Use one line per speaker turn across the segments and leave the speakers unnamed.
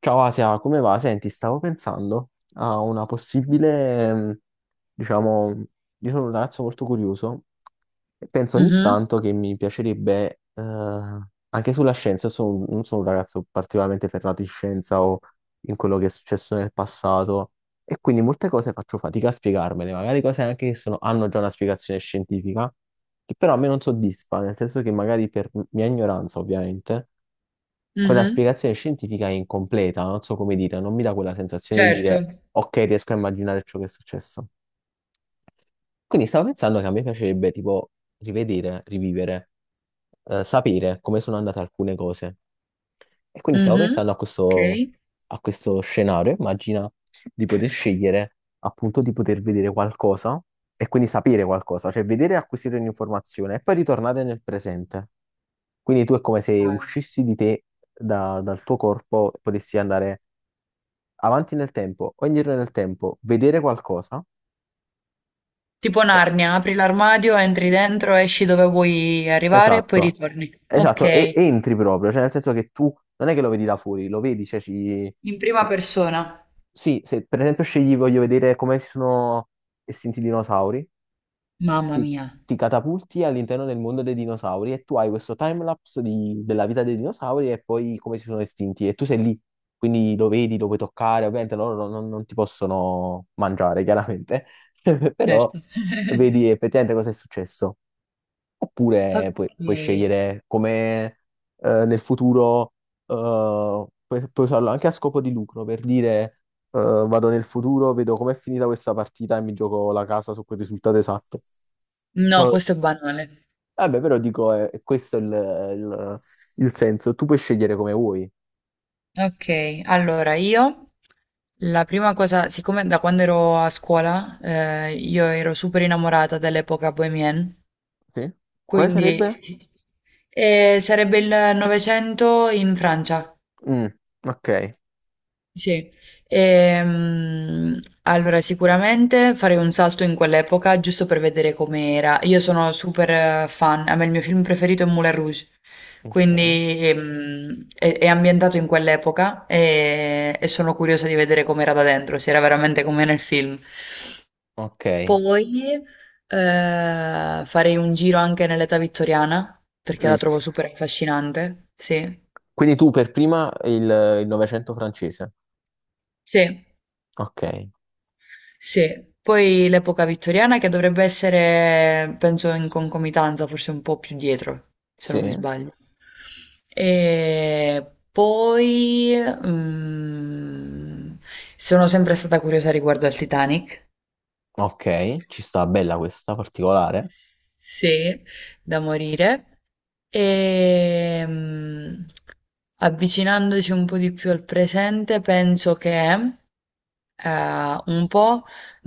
Ciao Asia, come va? Senti, stavo pensando a una possibile, diciamo, io sono un ragazzo molto curioso e penso ogni
Mh-mh,
tanto che mi piacerebbe, anche sulla scienza, io non sono un ragazzo particolarmente ferrato in scienza o in quello che è successo nel passato, e quindi molte cose faccio fatica a spiegarmele, magari cose anche che hanno già una spiegazione scientifica, che però a me non soddisfa, nel senso che magari per mia ignoranza, ovviamente quella
mh-mh.
spiegazione scientifica è incompleta, non so come dire, non mi dà quella sensazione di
Certo.
dire ok, riesco a immaginare ciò che è successo. Quindi stavo pensando che a me piacerebbe tipo rivedere, rivivere, sapere come sono andate alcune cose. E quindi stavo
Mh-mh.
pensando
Okay.
a questo scenario, immagina di poter scegliere appunto di poter vedere qualcosa e quindi sapere qualcosa, cioè vedere e acquisire un'informazione e poi ritornare nel presente. Quindi tu è come se
Ah.
uscissi di te dal tuo corpo e potessi andare avanti nel tempo o indietro nel tempo, vedere qualcosa.
Tipo
Eh,
Narnia, apri l'armadio, entri dentro, esci dove vuoi arrivare e poi
Esatto,
ritorni.
esatto, e
Okay,
e entri proprio, cioè nel senso che tu non è che lo vedi da fuori, lo vedi, cioè
in prima persona.
Sì, se per esempio scegli, voglio vedere come si sono estinti i dinosauri,
Mamma
ti,
mia,
ti catapulti all'interno del mondo dei dinosauri e tu hai questo timelapse della vita dei dinosauri e poi come si sono estinti e tu sei lì, quindi lo vedi, lo puoi toccare, ovviamente loro non ti possono mangiare, chiaramente, però
certo.
vedi effettivamente cosa è successo. Oppure puoi
Okay.
scegliere come nel futuro, puoi usarlo anche a scopo di lucro, per dire vado nel futuro, vedo com'è finita questa partita e mi gioco la casa su quel risultato esatto.
No,
No,
questo è banale.
vabbè, però dico, questo è il- il senso, tu puoi scegliere come vuoi.
Okay, allora io la prima cosa siccome da quando ero a scuola, io ero super innamorata dell'epoca bohemienne,
Sì. Quale
quindi
sarebbe?
sì. Sarebbe il Novecento in Francia.
Mm, ok.
Sì. Ehm, allora sicuramente farei un salto in quell'epoca giusto per vedere com'era. Io sono super fan, a me il mio film preferito è Moulin Rouge,
Ok.
quindi è ambientato in quell'epoca e sono curiosa di vedere com'era da dentro, se era veramente come nel film.
Ok.
Poi farei un giro anche nell'età vittoriana perché la
Mm.
trovo super affascinante. Sì,
Quindi tu per prima il Novecento francese.
sì.
Ok.
Sì, poi l'epoca vittoriana che dovrebbe essere, penso, in concomitanza, forse un po' più dietro, se
Sì.
non mi sbaglio. E poi mm, sono sempre stata curiosa riguardo al Titanic.
Ok, ci sta bella questa particolare.
Sì, da morire. E avvicinandoci un po' di più al presente, penso che un po',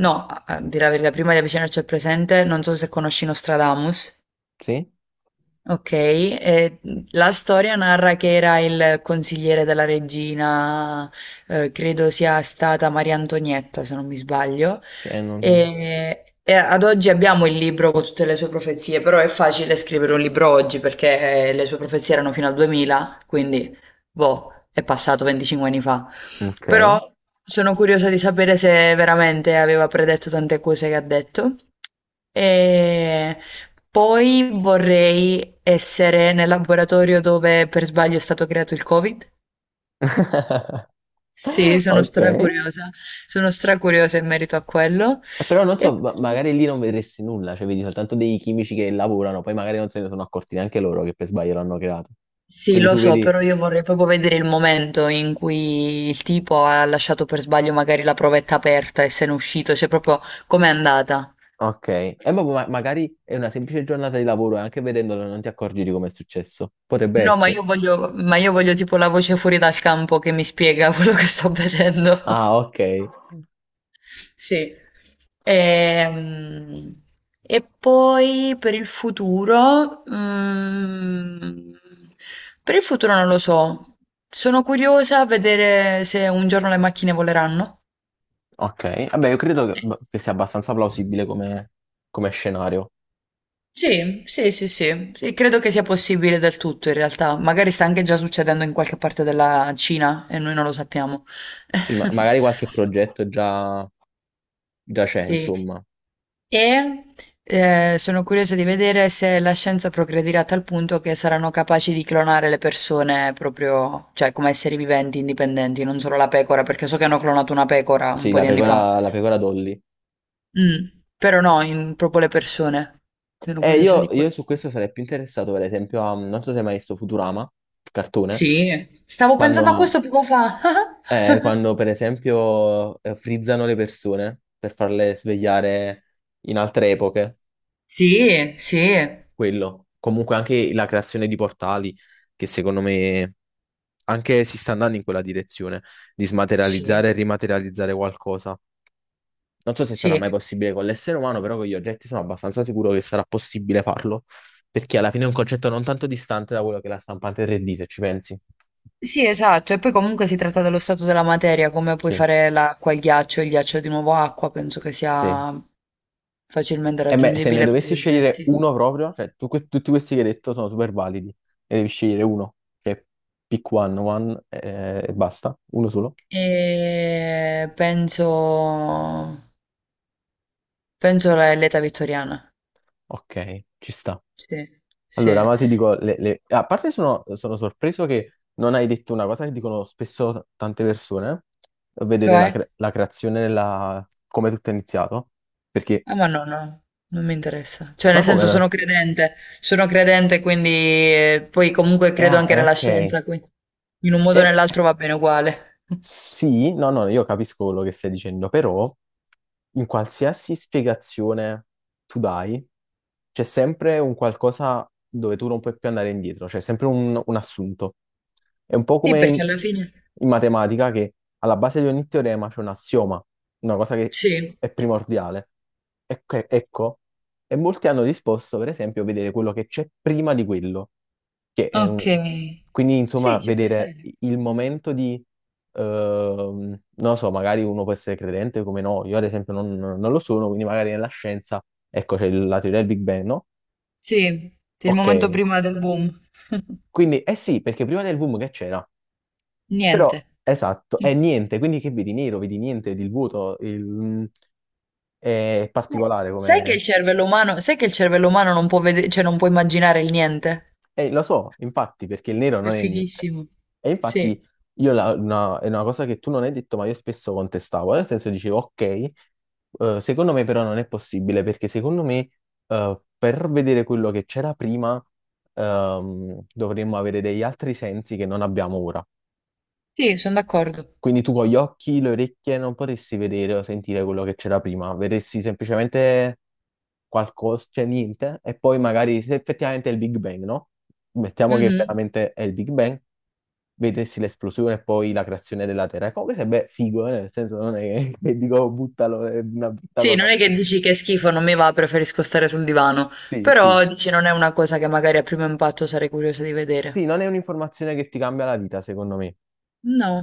no, a dire la verità, prima di avvicinarci al presente, non so se conosci Nostradamus.
Sì?
Okay, e, la storia narra che era il consigliere della regina, credo sia stata Maria Antonietta, se non mi sbaglio,
Che non.
ehm, e ad oggi abbiamo il libro con tutte le sue profezie, però è facile scrivere un libro oggi perché le sue profezie erano fino al 2000, quindi boh, è passato 25 anni fa.
Ok.
Però sono curiosa di sapere se veramente aveva predetto tante cose che ha detto. E poi vorrei essere nel laboratorio dove per sbaglio è stato creato il Covid. Sì, sono
Ok.
stracuriosa. Sono stracuriosa in merito a quello.
Però non
E
so, magari lì non vedresti nulla, cioè vedi soltanto dei chimici che lavorano, poi magari non se ne sono accorti neanche loro che per sbaglio l'hanno creato.
sì,
Quindi
lo
tu
so,
vedi,
però io vorrei proprio vedere il momento in cui il tipo ha lasciato per sbaglio magari la provetta aperta e se n'è uscito, cioè proprio com'è andata.
ok, e magari è una semplice giornata di lavoro e anche vedendolo non ti accorgi di come è successo. Potrebbe
No, ma
essere.
io voglio tipo la voce fuori dal campo che mi spiega quello che sto vedendo.
Ah, ok.
Sì. Ehm, poi per il futuro, per il futuro non lo so. Sono curiosa a vedere se un giorno le macchine voleranno.
Ok, vabbè, io credo
Eh,
che sia abbastanza plausibile come, come scenario.
Sì, sì, sì, sì. E credo che sia possibile del tutto in realtà. Magari sta anche già succedendo in qualche parte della Cina e noi non lo sappiamo.
Sì, ma magari qualche progetto già già c'è,
Sì.
insomma.
E sono curiosa di vedere se la scienza progredirà a tal punto che saranno capaci di clonare le persone proprio, cioè come esseri viventi indipendenti, non solo la pecora, perché so che hanno clonato una pecora un
Sì,
po'
la
di anni fa.
pecora, la pecora Dolly.
Mm. Però no, in- proprio le persone. Sono
E
curiosa
io,
di
io su
questo.
questo sarei più interessato, per esempio, a, non so se hai mai visto Futurama, il cartone,
Sì, stavo
quando,
pensando a
mm,
questo poco fa.
quando, per esempio frizzano le persone per farle svegliare in altre epoche,
Sì, sì,
quello. Comunque anche la creazione di portali, che secondo me anche si sta andando in quella direzione, di
sì,
smaterializzare e rimaterializzare qualcosa. Non so se sarà
sì.
mai possibile con l'essere umano, però con gli oggetti sono abbastanza sicuro che sarà possibile farlo, perché alla fine è un concetto non tanto distante da quello che è la stampante 3D, se ci pensi.
Sì, esatto, e poi comunque si tratta dello stato della materia, come puoi
Sì.
fare l'acqua, il ghiaccio di nuovo acqua, penso che
Sì.
sia facilmente
E beh, se ne
raggiungibile per gli
dovessi scegliere
oggetti.
uno proprio, cioè tutti questi che hai detto sono super validi, e devi scegliere uno, cioè pick one, one e basta, uno solo.
E penso l'età vittoriana,
Ok, ci sta.
sì,
Allora,
sì.
ma ti dico, a parte sono sorpreso che non hai detto una cosa che dicono spesso tante persone, vedere la,
Cioè?
cre- la creazione, come tutto è iniziato, perché,
Ah, ma no, no, non mi interessa. Cioè,
ma
nel
come
senso,
no?
sono credente, quindi poi comunque
Eh,
credo
ah,
anche
eh,
nella
ok.
scienza, quindi in un modo o
Eh,
nell'altro va bene uguale.
sì, no, no, io capisco quello che stai dicendo, però in qualsiasi spiegazione tu dai, c'è sempre un qualcosa dove tu non puoi più andare indietro, c'è sempre un assunto. È un po'
Sì,
come in,
perché alla fine,
in matematica che alla base di ogni teorema c'è un assioma, una cosa che
sì.
è primordiale. Ecco, ecco, e molti hanno risposto, per esempio, a vedere quello che c'è prima di quello, che è
Okay.
quindi insomma
Sì, ci può
vedere
stare.
il momento di non lo so, magari uno può essere credente come no, io ad esempio non lo sono, quindi magari nella scienza, ecco, c'è la teoria del Big Bang, no?
Sì, il
Ok,
momento prima del boom.
quindi eh sì, perché prima del boom che c'era? Però,
Niente.
esatto,
Sì.
è niente, quindi che vedi nero, vedi niente, vedi il vuoto, è particolare.
Sai che il cervello umano non può vede cioè non può immaginare il niente?
Lo so, infatti, perché il nero
È
non è niente.
fighissimo.
E infatti
Sì.
io è una cosa che tu non hai detto, ma io spesso contestavo. Nel senso dicevo, ok, secondo me però non è possibile, perché secondo me per vedere quello che c'era prima dovremmo avere degli altri sensi che non abbiamo ora.
Sì, son d'accordo.
Quindi tu con gli occhi, le orecchie non potresti vedere o sentire quello che c'era prima, vedresti semplicemente qualcosa, cioè niente, e poi magari se effettivamente è il Big Bang, no? Mettiamo che
Mh-mh.
veramente è il Big Bang, vedessi l'esplosione e poi la creazione della Terra. E comunque sarebbe figo, nel senso non è che dico buttalo, è una brutta
Sì, non
cosa.
è che dici: "Che è schifo, non mi va, preferisco stare sul divano",
Sì, sì.
però dici: "Non è una cosa che magari a primo impatto sarei curiosa di
Sì,
vedere".
non è un'informazione che ti cambia la vita, secondo me.
No.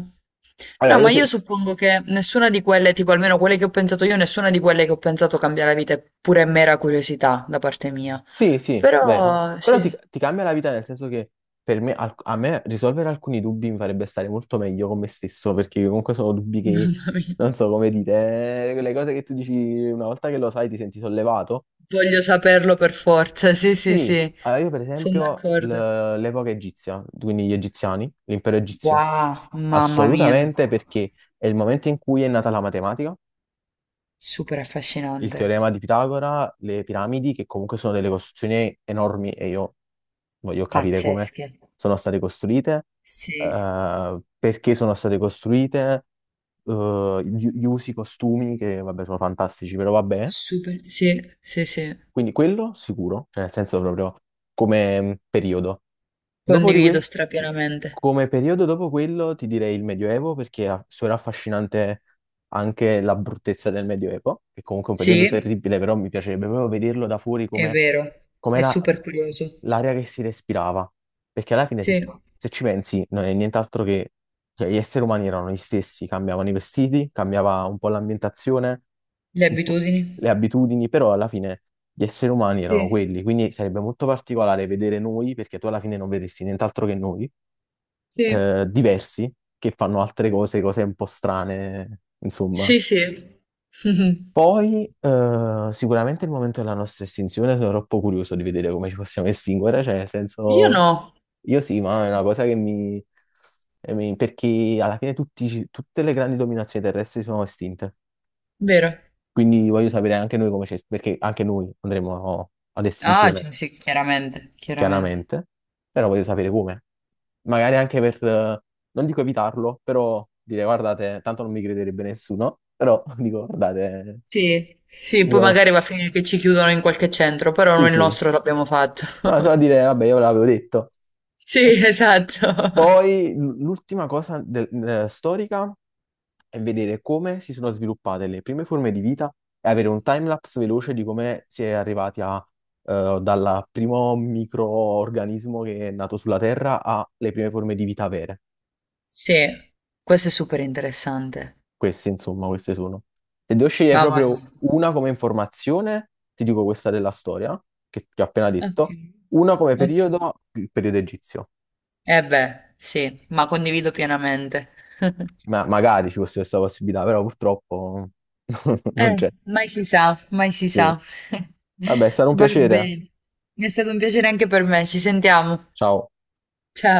Allora,
No,
io
ma io suppongo che nessuna di quelle, tipo almeno quelle che ho pensato io, nessuna di quelle che ho pensato cambia la vita, è pure mera curiosità da parte mia.
sì, sì, vero.
Però
Però
sì,
ti, ti cambia la vita nel senso che per me, a me risolvere alcuni dubbi mi farebbe stare molto meglio con me stesso, perché comunque sono dubbi che,
mamma mia,
non so come dire, quelle cose che tu dici una volta che lo sai ti senti sollevato.
voglio saperlo per forza, sì, sì,
Sì,
sì,
allora io per
sono
esempio
d'accordo.
l'epoca egizia, quindi gli egiziani, l'impero egizio,
Wow, mamma mia,
assolutamente perché è il momento in cui è nata la matematica,
super
il
affascinante,
teorema di Pitagora, le piramidi, che comunque sono delle costruzioni enormi e io voglio capire come
pazzesche.
sono state costruite,
Sì,
perché sono state costruite, gli usi, i costumi, che vabbè sono fantastici, però vabbè.
super, sì, sì, sì,
Quindi quello sicuro, cioè nel senso proprio come periodo. Dopo di
condivido
que- sì.
strapienamente.
Come periodo dopo quello ti direi il Medioevo perché è solo affascinante anche la bruttezza del Medioevo, che comunque è un periodo
Sì,
terribile, però mi piacerebbe proprio vederlo da fuori
è
come
vero, è
com'era
super curioso.
l'aria che si respirava. Perché alla fine
Sì.
se ci pensi non è nient'altro che cioè, gli esseri umani erano gli stessi, cambiavano i vestiti, cambiava un po' l'ambientazione,
Le
un po'
abitudini?
le abitudini, però alla fine gli esseri umani
Sì,
erano quelli, quindi sarebbe molto particolare vedere noi, perché tu alla fine non vedresti nient'altro che noi,
sì,
diversi, che fanno altre cose, cose un po' strane, insomma.
sì, sì.
Poi, sicuramente il momento della nostra estinzione, sono troppo curioso di vedere come ci possiamo estinguere, cioè, nel
Io
senso,
no,
io sì, ma è una cosa che perché alla fine tutte le grandi dominazioni terrestri sono estinte,
vero?
quindi voglio sapere anche noi come. Perché anche noi andremo ad
Ah,
estinzione.
cioè, sì, chiaramente, chiaramente.
Chiaramente, però voglio sapere come. Magari anche per, non dico evitarlo, però dire guardate, tanto non mi crederebbe nessuno, però dico guardate,
Sì, sì, poi
io
magari va a finire che ci chiudono in qualche centro, però
sì,
noi il
sì,
nostro l'abbiamo fatto.
ma solo a dire vabbè io ve l'avevo detto. E
Sì, esatto.
poi l'ultima cosa storica è vedere come si sono sviluppate le prime forme di vita e avere un timelapse veloce di come si è arrivati a dal primo microorganismo che è nato sulla Terra alle prime forme di vita vere.
Sì, questo è super interessante.
Questi, insomma, queste sono. Se devo scegliere
Mamma
proprio
mia.
una come informazione, ti dico questa della storia, che ti ho appena
Ok,
detto, una come
ok.
periodo, il periodo egizio.
Eh beh, sì, ma condivido pienamente.
Ma magari ci fosse questa possibilità, però purtroppo non
Eh,
c'è.
mai si sa, mai si sa.
Sì. Vabbè, è stato un
Va
piacere.
bene. È stato un piacere anche per me, ci sentiamo.
Ciao.
Ciao.